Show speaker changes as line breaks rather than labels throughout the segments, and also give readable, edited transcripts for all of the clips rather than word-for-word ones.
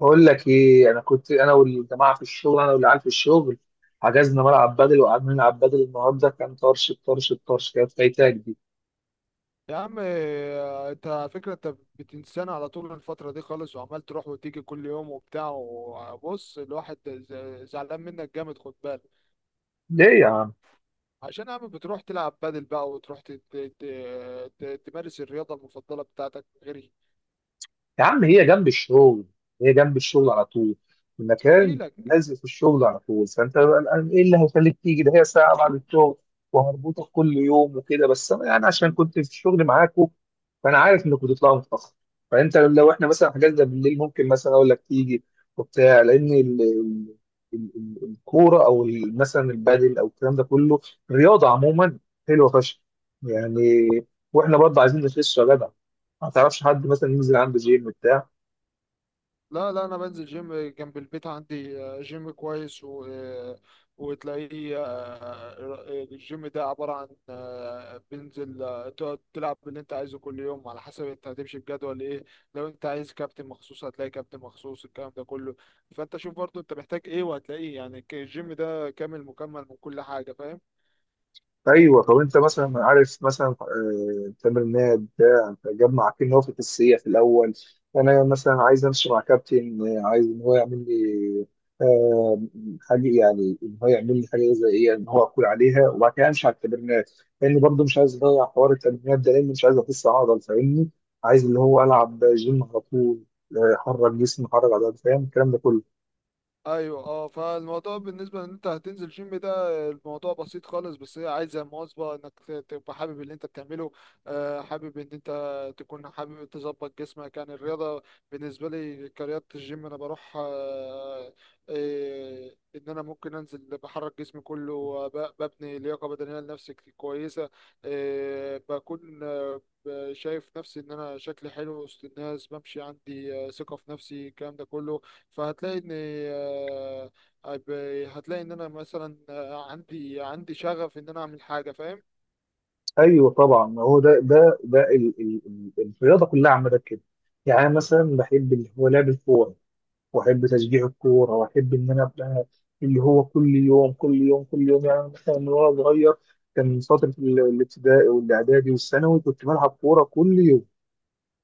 بقول لك ايه، انا كنت انا والجماعه في الشغل، انا والعيال في الشغل حجزنا ملعب بدل وقعدنا نلعب بدل. النهارده كان طرش الطرش كانت فايتاك دي.
يا عم إيه، انت على فكرة انت بتنسانا على طول الفترة دي خالص، وعمال تروح وتيجي كل يوم وبتاع. وبص، الواحد زعلان منك جامد، خد بالك.
ليه يا عم؟
عشان يا عم بتروح تلعب بادل بقى، وتروح تمارس الرياضة المفضلة بتاعتك غيري.
يا عم هي جنب الشغل، هي جنب الشغل على طول. المكان
هجيلك.
لازق في الشغل على طول، فانت بقى الآن ايه اللي هيخليك تيجي؟ ده هي ساعه بعد الشغل وهربطك كل يوم وكده. بس انا يعني عشان كنت في الشغل معاكم فانا عارف انك بتطلعوا متاخر، فانت لو احنا مثلا حجزنا بالليل ممكن مثلا اقول لك تيجي وبتاع، لان الكوره او مثلا البادل او الكلام ده كله، رياضه عموما حلوه فشخ يعني. واحنا برضه عايزين نخس يا جدع، ما تعرفش حد مثلا ينزل عنده جيم بتاع؟
لا لا، انا بنزل جيم جنب البيت عندي. جيم كويس. و وتلاقيه الجيم ده عبارة عن بنزل تقعد تلعب اللي انت عايزه كل يوم، على حسب انت هتمشي بجدول ايه. لو انت عايز كابتن مخصوص هتلاقي كابتن مخصوص، الكلام ده كله. فانت شوف برضو انت محتاج ايه وهتلاقيه، يعني الجيم ده كامل مكمل من كل حاجة، فاهم؟
ايوه، طب انت مثلا عارف مثلا تمرينات بتاع تجمع كل هو في التسلية في الاول؟ انا مثلا عايز امشي مع كابتن، عايز ان هو يعمل لي آه، حاجه، يعني ان هو يعمل لي حاجه زي ايه ان هو اكل عليها وبعد كده امشي على التمرينات، لان برضه مش عايز اضيع حوار التمرينات ده لان مش عايز اخس عضل، فاهمني؟ عايز اللي هو العب جيم على طول، احرك جسمي، احرك عضلات، فاهم الكلام ده كله.
ايوه، اه. فالموضوع بالنسبه ان انت هتنزل جيم ده، الموضوع بسيط خالص، بس هي عايزه مواظبه انك تبقى حابب اللي انت بتعمله. حابب ان انت تكون حابب تظبط جسمك، يعني الرياضه بالنسبه لي كرياضه. الجيم انا بروح ان انا ممكن انزل بحرك جسمي كله، ببني لياقه بدنيه لنفسي كويسه. آه، بكون آه، شايف نفسي ان انا شكلي حلو وسط الناس، بمشي عندي ثقه في نفسي، الكلام ده كله. فهتلاقي ان هتلاقي ان انا مثلا عندي شغف ان انا اعمل حاجه، فاهم؟
ايوه طبعا، ما هو ده ده ال الرياضه كلها عامه كده. يعني أنا مثلا بحب اللي هو لعب الكوره، واحب تشجيع الكوره، واحب ان انا ابقى اللي هو كل يوم كل يوم. يعني أنا مثلا من وانا صغير كان فتره الابتدائي والاعدادي والثانوي كنت بلعب كوره كل يوم،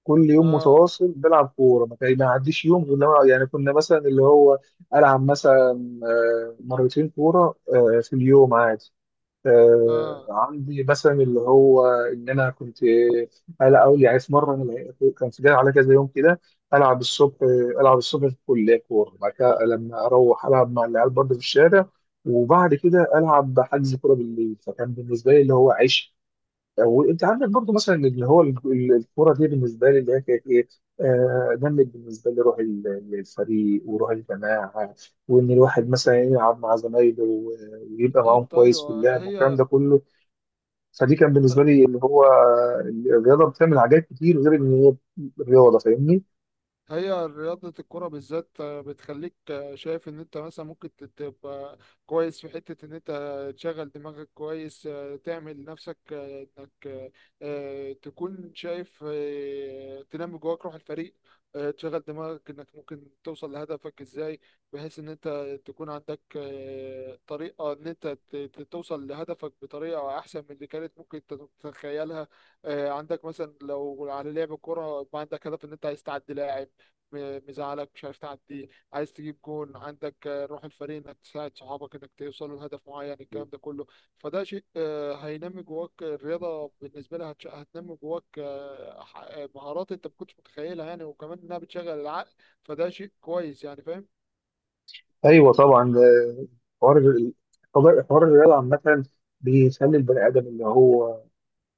كل يوم
اه
متواصل بلعب كوره، ما كان ما عديش يوم غير لما يعني كنا مثلا اللي هو العب مثلا مرتين كوره في اليوم عادي.
اه،
عندي مثلا اللي هو ان انا كنت انا اول، يعني في مره انا كان في جاي على كذا يوم كده، العب الصبح، العب الصبح في الكليه كوره، بعد كده لما اروح العب مع العيال برضه في الشارع، وبعد كده العب حجز كوره بالليل. فكان بالنسبه لي اللي هو عيش. وانت عندك برضو مثلا اللي هو الكوره دي بالنسبه لي اللي هي كانت ايه، نمت بالنسبه لي روح الفريق وروح الجماعه، وان الواحد مثلا يلعب مع زمايله ويبقى معاهم
بالظبط،
كويس في
ايوه.
اللعب والكلام
هي
ده كله. فدي كان بالنسبه لي اللي هو الرياضه بتعمل حاجات كتير غير ان هي رياضه، فاهمني؟
هي رياضة الكرة بالذات، بتخليك شايف إن أنت مثلا ممكن تبقى كويس في حتة إن أنت تشغل دماغك كويس. تعمل نفسك إنك تكون شايف، تنمي جواك روح الفريق. تشغل دماغك إنك ممكن توصل لهدفك إزاي، بحيث إن أنت تكون عندك طريقة إن أنت توصل لهدفك بطريقة أحسن من اللي كانت ممكن تتخيلها. عندك مثلا لو على لعب كرة، يبقى عندك هدف إن أنت عايز تعدي لاعب مزعلك مش عارف تعدي، عايز تجيب جون، عندك روح الفريق انك تساعد صحابك انك توصلوا لهدف معين، الكلام ده كله. فده شيء هينمي جواك. الرياضة بالنسبة لها هتنمي جواك مهارات انت ما كنتش متخيلها، يعني وكمان انها بتشغل العقل، فده شيء كويس، يعني فاهم؟
ايوه طبعا، حوار حوار الرياضه عامه بيخلي البني ادم اللي هو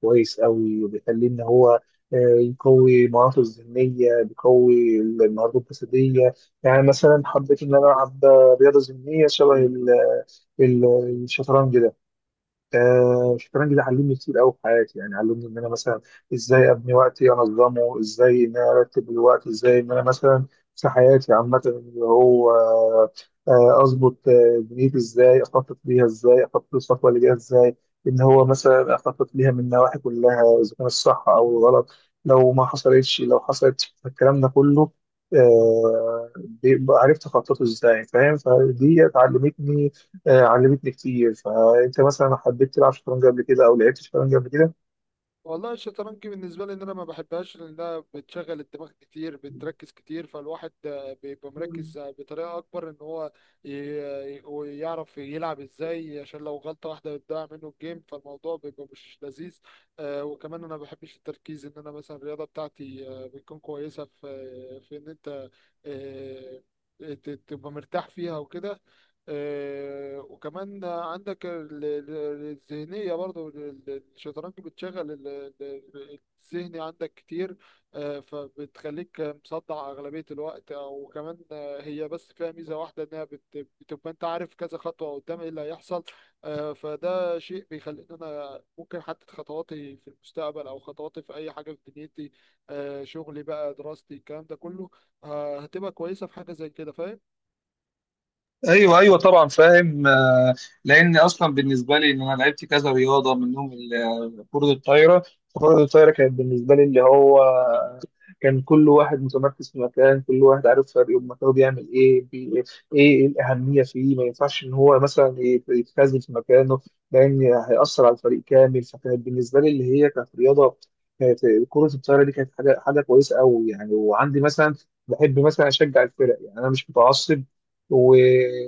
كويس قوي، وبيخليه ان هو يقوي مهاراته الذهنيه، بيقوي المهارات الجسديه. يعني مثلا حبيت ان انا العب رياضه ذهنيه شبه ال- الشطرنج ده. الشطرنج ده علمني كتير قوي في حياتي، يعني علمني ان انا مثلا ازاي ابني وقتي، انظمه ازاي، ان انا ارتب الوقت ازاي، ان انا مثلا في حياتي عامه اللي هو اظبط دنيتي ازاي، اخطط ليها ازاي، اخطط للخطوه اللي جايه ازاي، ان هو مثلا اخطط ليها من النواحي كلها اذا كان الصح او الغلط، لو ما حصلتش لو حصلت الكلام ده كله، بيبقى عرفت اخططه ازاي، فاهم؟ فدي علمتني، علمتني كتير. فانت مثلا حبيت تلعب شطرنج قبل كده، او لعبت شطرنج قبل كده؟
والله الشطرنج بالنسبة لي إن أنا ما بحبهاش لأنها بتشغل الدماغ كتير، بتركز كتير، فالواحد بيبقى مركز بطريقة أكبر، إن هو ويعرف يلعب إزاي، عشان لو غلطة واحدة بتضيع منه الجيم، فالموضوع بيبقى مش لذيذ. وكمان أنا ما بحبش التركيز. إن أنا مثلا الرياضة بتاعتي بتكون كويسة في إن أنت آه، تبقى مرتاح فيها وكده. وكمان عندك الذهنية برضو. الشطرنج بتشغل ال- الذهني عندك كتير. فبتخليك مصدع أغلبية الوقت. أو كمان هي بس فيها ميزة واحدة، إنها بتبقى أنت عارف كذا خطوة قدام إيه اللي هيحصل. فده شيء بيخليني أنا ممكن أحدد خطواتي في المستقبل، أو خطواتي في أي حاجة في دنيتي. شغلي بقى، دراستي، الكلام ده كله هتبقى كويسة في حاجة زي كده، فاهم؟
ايوه ايوه طبعا فاهم. لان اصلا بالنسبه لي ان انا لعبت كذا رياضه منهم كره الطايره. كره الطايره كانت بالنسبه لي اللي هو كان كل واحد متمركز في مكان، كل واحد عارف فريقه بمكانه بيعمل ايه بي ايه، إيه الاهميه فيه، ما ينفعش ان هو مثلا يتخاذل في مكانه لان هيأثر على الفريق كامل. فكانت بالنسبه لي اللي هي كانت رياضه، كانت كره الطايره دي كانت حاجه كويسه قوي يعني. وعندي مثلا بحب مثلا اشجع الفرق، يعني انا مش متعصب و...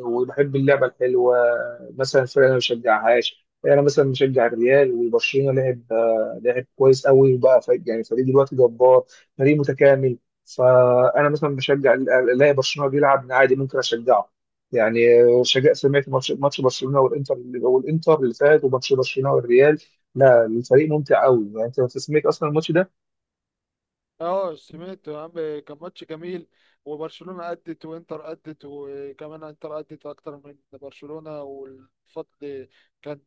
وبحب اللعبه الحلوه. مثلا الفرق انا ما بشجعهاش، انا مثلا مشجع الريال وبرشلونه، لعب لعب كويس قوي وبقى فريق، يعني فريق دلوقتي جبار، فريق متكامل. فانا مثلا بشجع الاقي برشلونه بيلعب عادي ممكن اشجعه يعني. شجع، سمعت ماتش برشلونه والانتر، والانتر اللي فات، وماتش برشلونه والريال، لا الفريق ممتع قوي. يعني انت لو سمعت اصلا الماتش ده.
اه، سمعت يا عم، كان ماتش جميل. وبرشلونة أدت، وإنتر أدت، وكمان إنتر أدت أكتر من برشلونة. والفضل كان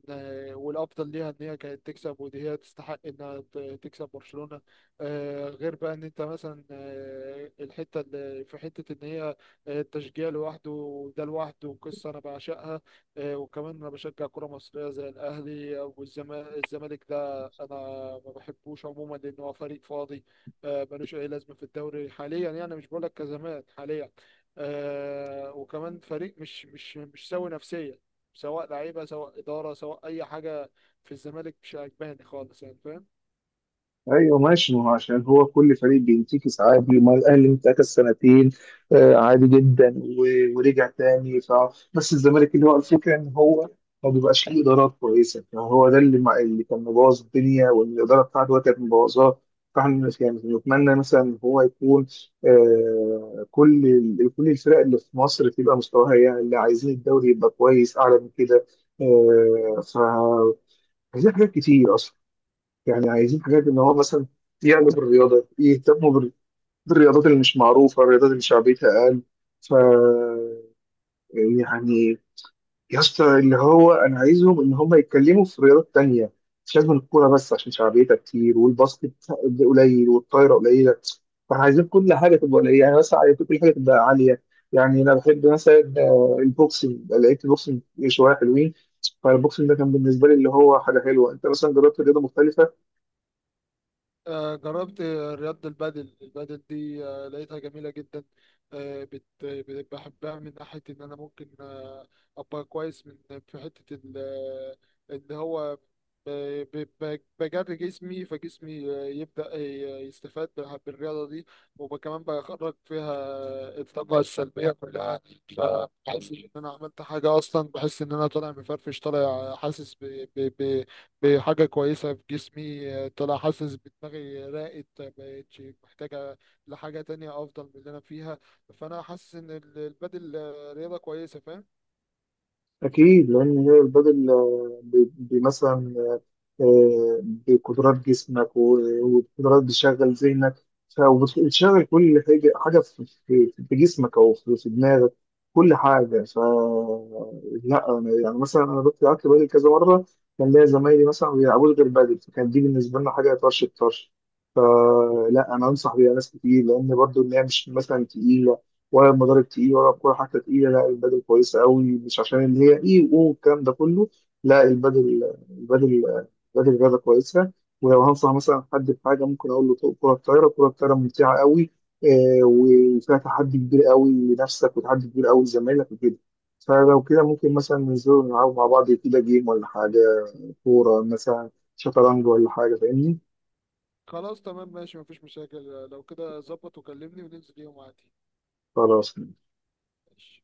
والأفضل ليها إن هي كانت تكسب، ودي هي تستحق إنها تكسب برشلونة. غير بقى إن أنت مثلا الحتة اللي في حتة إن هي التشجيع لوحده، وده لوحده قصة أنا بعشقها. وكمان أنا بشجع كرة مصرية زي الأهلي والزمالك. الزمالك ده أنا ما بحبوش عموما، لأن هو فريق فاضي. ملوش اي لازمه في الدوري حاليا، يعني مش بقول لك كزمان، حاليا آه، وكمان فريق مش سوي نفسيا، سواء لعيبه، سواء اداره، سواء اي حاجه في الزمالك مش عجباني خالص، يعني فاهم؟
ايوه ماشي، ما هو عشان هو كل فريق بينتكس عادي، ما الاهلي انتكس سنتين عادي جدا ورجع تاني. بس الزمالك اللي هو الفكره ان هو ما بيبقاش ليه ادارات كويسه، فهو ده اللي اللي كان مبوظ الدنيا، والاداره بتاعته هو كانت مبوظاه. فاحنا يعني نتمنى مثلا ان هو يكون آه، كل كل الفرق اللي في مصر تبقى مستواها، يعني اللي عايزين الدوري يبقى كويس اعلى من كده. آه ف، عايزين حاجات كتير اصلا، يعني عايزين حاجات ان هو مثلا يعلم الرياضه، يهتموا بالرياضات اللي مش معروفه، الرياضات اللي شعبيتها اقل. ف يعني يا اسطى، اللي هو انا عايزهم ان هم يتكلموا في رياضات تانية، مش لازم الكوره بس عشان شعبيتها كتير، والباسكت قليل والطايره قليله. فاحنا عايزين كل حاجه تبقى قليله، يعني مثلا عايزين كل حاجه تبقى عاليه. يعني انا بحب مثلا البوكسنج، لقيت البوكسنج شويه حلوين. فالبوكسنج ده كان بالنسبه لي اللي هو حاجه حلوه. انت مثلا جربت رياضه مختلفه؟
جربت رياضة البادل. البادل دي لقيتها جميلة جدا. بحبها من ناحية إن أنا ممكن أبقى كويس من، في حتة إن هو بجري جسمي، فجسمي يبدأ يستفاد بالرياضة دي، وكمان بخرج فيها الطاقة السلبية كلها. فبحس إن أنا عملت حاجة أصلا، بحس إن أنا طالع مفرفش، طالع حاسس بحاجة كويسة في جسمي. طلع حاسس بدماغي راقت، ما بقتش محتاجة لحاجة تانية أفضل من اللي أنا فيها. فأنا حاسس إن البادل رياضة كويسة، فاهم؟
أكيد، لأن هي البدل آه، بي بي مثلا آه، بقدرات جسمك وقدرات بتشغل ذهنك، وبتشغل كل حاجة حاجة في في جسمك أو في في دماغك، كل حاجة ف. لا أنا يعني مثلا أنا رحت لعبت بدل كذا مرة، كان ليا زمايلي مثلا ما بيلعبوش غير بدل، فكان دي بالنسبة لنا حاجة طرش الطرش. فلا أنا أنصح بيها ناس كتير لأن برضو إن هي مش مثلا تقيلة، ولا المضارب تقيل، ولا الكورة حتى تقيلة، لا البدل كويسة قوي، مش عشان إن هي إيه والكلام ده كله. لا البدل، البدل راجل رياضة كويسة. ولو هنصح مثلا حد بحاجة ممكن أقول له طوق كرة الطايرة، كرة الطايرة ممتعة قوي، وفيها تحدي كبير قوي لنفسك وتحدي كبير قوي لزمايلك وكده. فلو كده ممكن مثلا ننزل نلعب مع بعض كده، جيم ولا حاجة، كورة مثلا، شطرنج ولا حاجة، فاهمني؟
خلاص، تمام، ماشي، مفيش مشاكل. لو كده ظبط وكلمني وننزل يوم عادي.
خلاص.
ماشي.